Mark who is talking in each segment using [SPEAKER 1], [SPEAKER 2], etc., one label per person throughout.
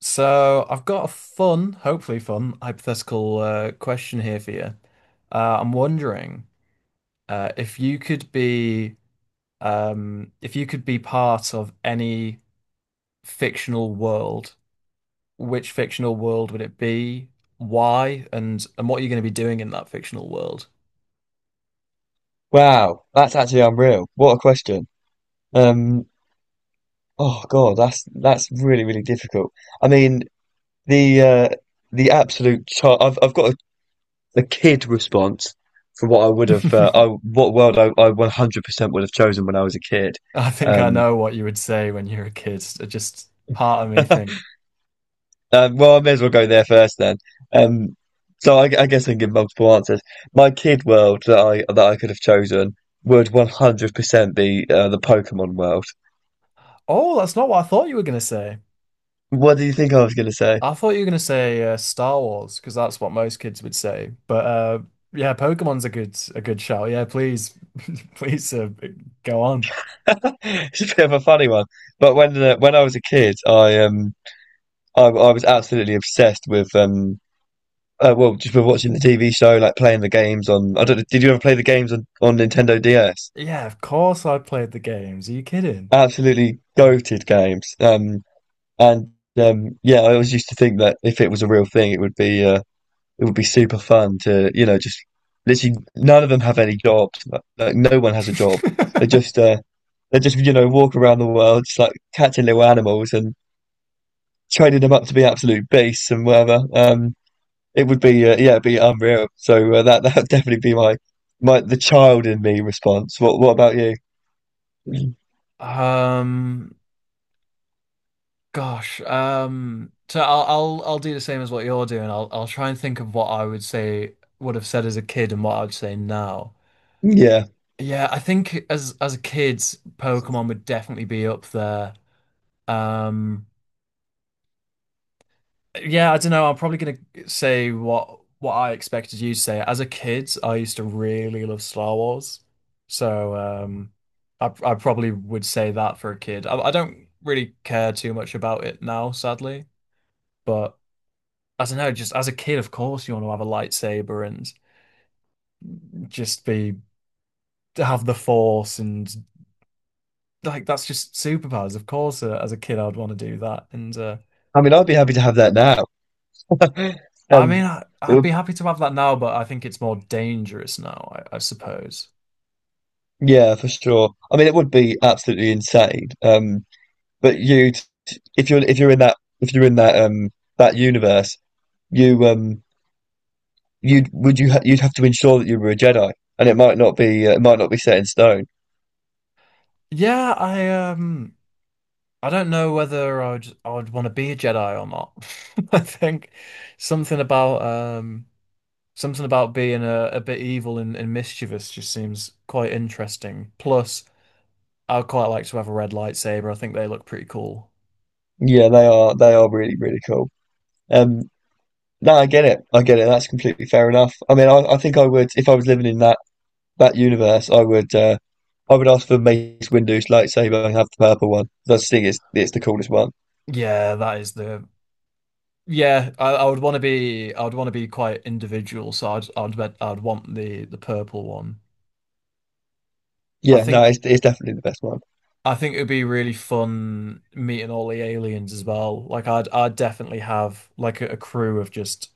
[SPEAKER 1] So I've got a fun, hopefully fun, hypothetical question here for you. I'm wondering if you could be if you could be part of any fictional world, which fictional world would it be? Why? And what are you going to be doing in that fictional world?
[SPEAKER 2] Wow, that's actually unreal. What a question. Um, oh God, that's really difficult. I mean, the uh, the absolute char I've got a kid response for what I would have I what world I 100% would have chosen when I was a kid.
[SPEAKER 1] I think I
[SPEAKER 2] Um,
[SPEAKER 1] know what you would say when you're a kid. It just part of me think,
[SPEAKER 2] well, I may as well go there first then. Um, so I guess I can give multiple answers. My kid world that I could have chosen would 100% be the Pokemon world.
[SPEAKER 1] oh, that's not what I thought you were going to.
[SPEAKER 2] What do you think I was going to say?
[SPEAKER 1] I thought you were gonna say Star Wars because that's what most kids would say. But yeah, Pokemon's a good shout. Yeah, please, please go on.
[SPEAKER 2] It's a bit of a funny one, but when I was a kid, I was absolutely obsessed with just with watching the TV show, like playing the games on. I don't know, did you ever play the games on Nintendo DS?
[SPEAKER 1] Yeah, of course I played the games. Are you kidding?
[SPEAKER 2] Absolutely goated games. And yeah, I always used to think that if it was a real thing, it would be super fun to you know just literally none of them have any jobs. Like no one has a job. They just uh they just you know walk around the world just like catching little animals and training them up to be absolute beasts and whatever. It would be yeah, it'd be unreal. So that that would definitely be my my the child in me response. What about you?
[SPEAKER 1] Um, gosh. So I'll do the same as what you're doing. I'll try and think of what I would say would have said as a kid and what I would say now.
[SPEAKER 2] Yeah,
[SPEAKER 1] Yeah, I think as a kid, Pokemon would definitely be up there. Um. Yeah, I don't know. I'm probably gonna say what I expected you to say. As a kid, I used to really love Star Wars, so I probably would say that for a kid. I don't really care too much about it now, sadly. But I don't know. Just as a kid, of course, you want to have a lightsaber and just be have the Force and like that's just superpowers. Of course, as a kid, I'd want to do that. And
[SPEAKER 2] I mean, I'd be happy to have that now,
[SPEAKER 1] I mean,
[SPEAKER 2] and
[SPEAKER 1] I,
[SPEAKER 2] it
[SPEAKER 1] I'd be
[SPEAKER 2] would
[SPEAKER 1] happy to have that now, but I think it's more dangerous now, I suppose.
[SPEAKER 2] yeah, for sure. I mean, it would be absolutely insane. But you if you're in that that universe, you um you'd you'd have to ensure that you were a Jedi, and it might not be it might not be set in stone.
[SPEAKER 1] Yeah, I don't know whether I would want to be a Jedi or not. I think something about um something about being a bit evil and mischievous just seems quite interesting. Plus, I'd quite like to have a red lightsaber. I think they look pretty cool.
[SPEAKER 2] Yeah, they are really cool. Um, no, I get it. I get it. That's completely fair enough. I mean, I think I would, if I was living in that universe, I would ask for Mace Windu's lightsaber and have the purple one. I just think it's the coolest one.
[SPEAKER 1] Yeah, that is the yeah, I would want to be I would want to be quite individual, so I'd want the purple one. I
[SPEAKER 2] Yeah, no,
[SPEAKER 1] think
[SPEAKER 2] it's definitely the best one.
[SPEAKER 1] I think it'd be really fun meeting all the aliens as well. Like I'd definitely have like a crew of just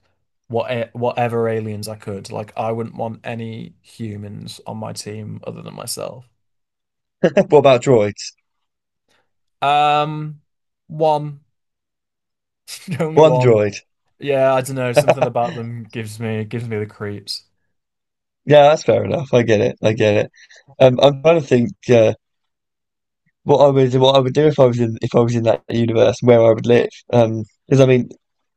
[SPEAKER 1] whatever aliens I could. Like I wouldn't want any humans on my team other than myself.
[SPEAKER 2] What about droids?
[SPEAKER 1] Um, one, only
[SPEAKER 2] One
[SPEAKER 1] one.
[SPEAKER 2] droid.
[SPEAKER 1] Yeah, I don't know. Something about them gives me the creeps.
[SPEAKER 2] Yeah, that's fair enough. I get it. I get it. I'm trying to think what I would do if I was in that universe where I would live. Because I mean,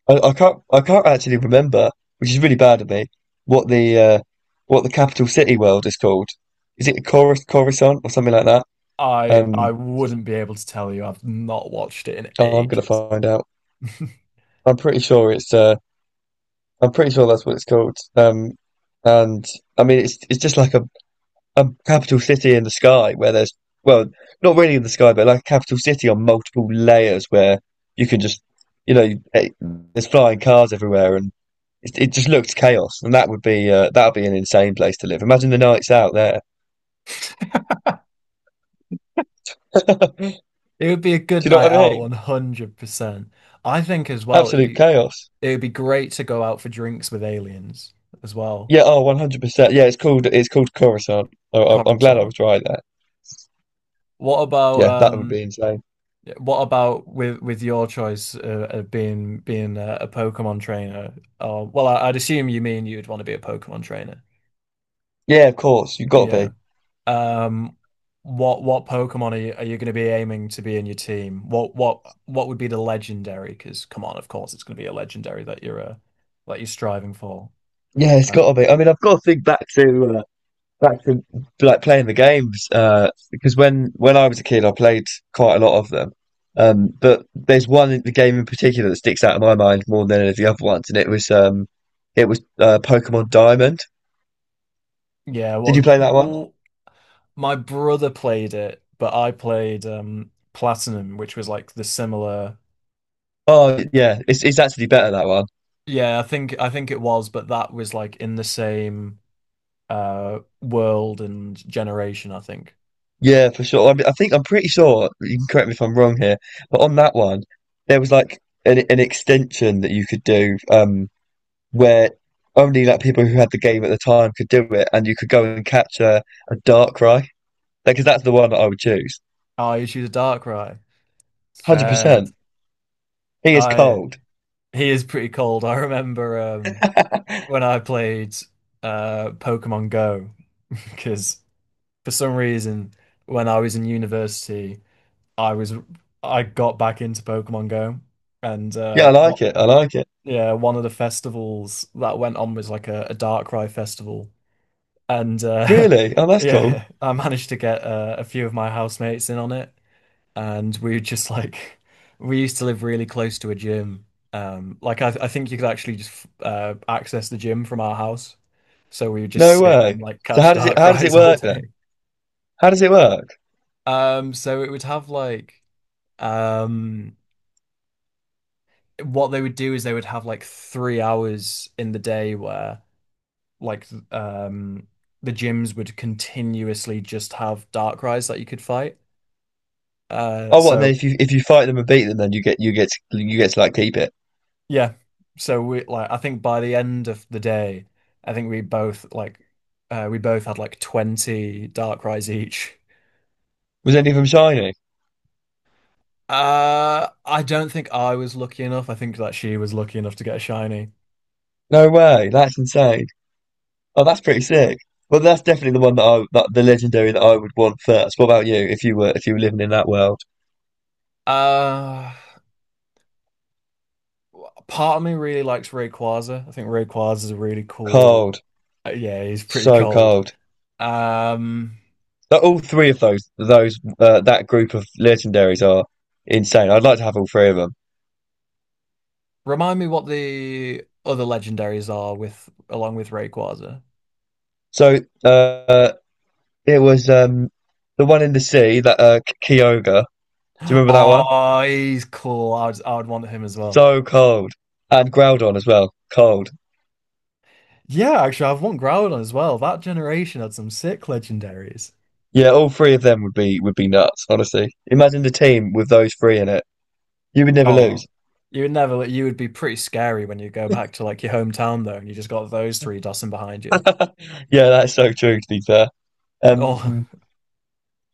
[SPEAKER 2] I can't actually remember, which is really bad of me, what the uh, what the capital city world is called. Is it Coruscant or something like that?
[SPEAKER 1] I
[SPEAKER 2] Um,
[SPEAKER 1] wouldn't be able to tell you. I've not watched it in
[SPEAKER 2] oh, I'm gonna
[SPEAKER 1] ages.
[SPEAKER 2] find out. I'm pretty sure it's I'm pretty sure that's what it's called. And I mean it's just like a capital city in the sky where there's well not really in the sky but like a capital city on multiple layers where you can just you know there's flying cars everywhere and it just looked chaos, and that would be an insane place to live. Imagine the nights out there.
[SPEAKER 1] It would be a good
[SPEAKER 2] Do you know
[SPEAKER 1] night
[SPEAKER 2] what I
[SPEAKER 1] out,
[SPEAKER 2] mean?
[SPEAKER 1] 100%. I think as well,
[SPEAKER 2] Absolute chaos.
[SPEAKER 1] it would be great to go out for drinks with aliens as well.
[SPEAKER 2] Yeah. Oh, 100%. Yeah. It's called Coruscant. Oh, I- I'm glad I
[SPEAKER 1] Coruscant.
[SPEAKER 2] was right there.
[SPEAKER 1] What about
[SPEAKER 2] Yeah, that would
[SPEAKER 1] um
[SPEAKER 2] be insane.
[SPEAKER 1] what about with your choice of being a Pokemon trainer? Or well, I'd assume you mean you'd want to be a Pokemon trainer.
[SPEAKER 2] Yeah, of course. You've got to
[SPEAKER 1] Yeah.
[SPEAKER 2] be.
[SPEAKER 1] Um, what Pokemon are you going to be aiming to be in your team? What would be the legendary? Because come on, of course it's going to be a legendary that you're striving for.
[SPEAKER 2] Yeah, it's got to
[SPEAKER 1] Um,
[SPEAKER 2] be. I mean, I've got to think back to back to like playing the games because when I was a kid, I played quite a lot of them. But there's one in the game in particular that sticks out in my mind more than any of the other ones, and it was Pokemon Diamond.
[SPEAKER 1] yeah.
[SPEAKER 2] Did you play that one?
[SPEAKER 1] What My brother played it, but I played Platinum, which was like the similar.
[SPEAKER 2] Oh, yeah. It's actually better that one.
[SPEAKER 1] Yeah, I think it was, but that was like in the same world and generation, I think.
[SPEAKER 2] Yeah, for sure. I mean, I think I'm pretty sure. You can correct me if I'm wrong here, but on that one, there was like an extension that you could do, where only like people who had the game at the time could do it, and you could go and capture a Darkrai. Because that's the one that I would choose.
[SPEAKER 1] Oh, you choose a Darkrai. Sad.
[SPEAKER 2] 100%. He is
[SPEAKER 1] I
[SPEAKER 2] cold.
[SPEAKER 1] He is pretty cold. I remember when I played Pokemon Go, because for some reason, when I was in university, I was I got back into Pokemon Go, and
[SPEAKER 2] Yeah, I
[SPEAKER 1] what
[SPEAKER 2] like it. I like it.
[SPEAKER 1] yeah, one of the festivals that went on was like a Darkrai festival, and
[SPEAKER 2] Really? Oh, that's cool.
[SPEAKER 1] yeah, I managed to get a few of my housemates in on it, and we were just like we used to live really close to a gym. Like I think you could actually just access the gym from our house, so we would just
[SPEAKER 2] No
[SPEAKER 1] sit and
[SPEAKER 2] way.
[SPEAKER 1] like
[SPEAKER 2] So
[SPEAKER 1] catch
[SPEAKER 2] how does it
[SPEAKER 1] dark
[SPEAKER 2] how does it
[SPEAKER 1] cries all
[SPEAKER 2] work then?
[SPEAKER 1] day.
[SPEAKER 2] How does it work?
[SPEAKER 1] So it would have um, what they would do is they would have like 3 hours in the day where like th- um the gyms would continuously just have dark cries that you could fight. Uh,
[SPEAKER 2] Oh, what? And
[SPEAKER 1] so
[SPEAKER 2] then if you fight them and beat them, then you get to like keep it.
[SPEAKER 1] Yeah. So we like I think by the end of the day, I think we both had like 20 dark rides each.
[SPEAKER 2] Was any of them shiny?
[SPEAKER 1] Uh, I don't think I was lucky enough. I think that she was lucky enough to get a shiny.
[SPEAKER 2] No way. That's insane. Oh, that's pretty sick. Well, that's definitely the one that the legendary that I would want first. What about you? If you were living in that world,
[SPEAKER 1] Uh, part of me really likes Rayquaza. I think Rayquaza is a really cool.
[SPEAKER 2] cold,
[SPEAKER 1] Yeah, he's pretty
[SPEAKER 2] so
[SPEAKER 1] cold.
[SPEAKER 2] cold.
[SPEAKER 1] Um
[SPEAKER 2] Like, all three of those that group of legendaries are insane. I'd like to have all three of them.
[SPEAKER 1] Remind me what the other legendaries are with along with Rayquaza.
[SPEAKER 2] So it was the one in the sea that Kyogre. Do you remember that one?
[SPEAKER 1] Oh, he's cool. I would want him as well.
[SPEAKER 2] So cold and Groudon as well. Cold.
[SPEAKER 1] Yeah, actually, I've won Groudon as well. That generation had some sick legendaries.
[SPEAKER 2] Yeah, all three of them would be nuts, honestly. Imagine the team with those three in it. You would never
[SPEAKER 1] Oh,
[SPEAKER 2] lose.
[SPEAKER 1] you would never, you would be pretty scary when you go back to like your hometown though, and you just got those three dossing behind you.
[SPEAKER 2] Yeah, that's so true, to be fair.
[SPEAKER 1] Oh,
[SPEAKER 2] Um,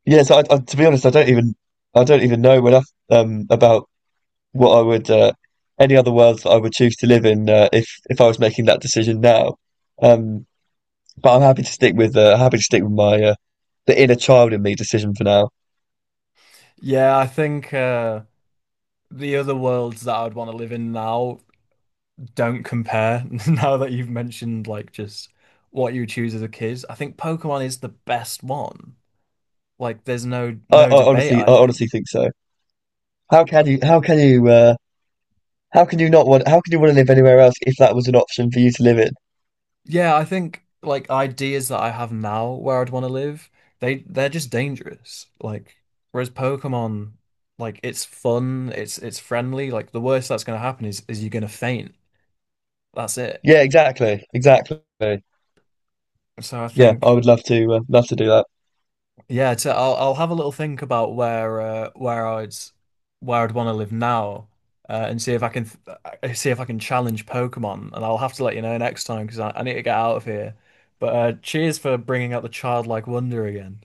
[SPEAKER 2] yeah, so to be honest, I don't even know enough about what I would any other worlds that I would choose to live in if I was making that decision now. Um, but I'm happy to stick with happy to stick with my the inner child in me decision for now.
[SPEAKER 1] yeah, I think the other worlds that I'd want to live in now don't compare. Now that you've mentioned like just what you choose as a kid, I think Pokemon is the best one. Like, there's no
[SPEAKER 2] I
[SPEAKER 1] debate,
[SPEAKER 2] honestly
[SPEAKER 1] I
[SPEAKER 2] I honestly
[SPEAKER 1] think.
[SPEAKER 2] think so. How can you how can you How can you not want, how can you want to live anywhere else if that was an option for you to live in?
[SPEAKER 1] Yeah, I think like ideas that I have now where I'd want to live, they're just dangerous. Like whereas Pokemon, like it's fun, it's friendly. Like the worst that's going to happen is you're going to faint. That's it.
[SPEAKER 2] Yeah, exactly. Exactly.
[SPEAKER 1] So I
[SPEAKER 2] Yeah, I
[SPEAKER 1] think
[SPEAKER 2] would love to love to do that.
[SPEAKER 1] yeah, to, I'll have a little think about where I'd want to live now, and see if I can challenge Pokemon. And I'll have to let you know next time because I need to get out of here. But cheers for bringing out the childlike wonder again.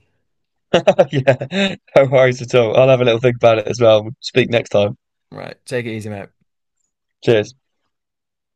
[SPEAKER 2] Yeah, no worries at all. I'll have a little think about it as well. Speak next time.
[SPEAKER 1] Right. Take it easy, mate.
[SPEAKER 2] Cheers.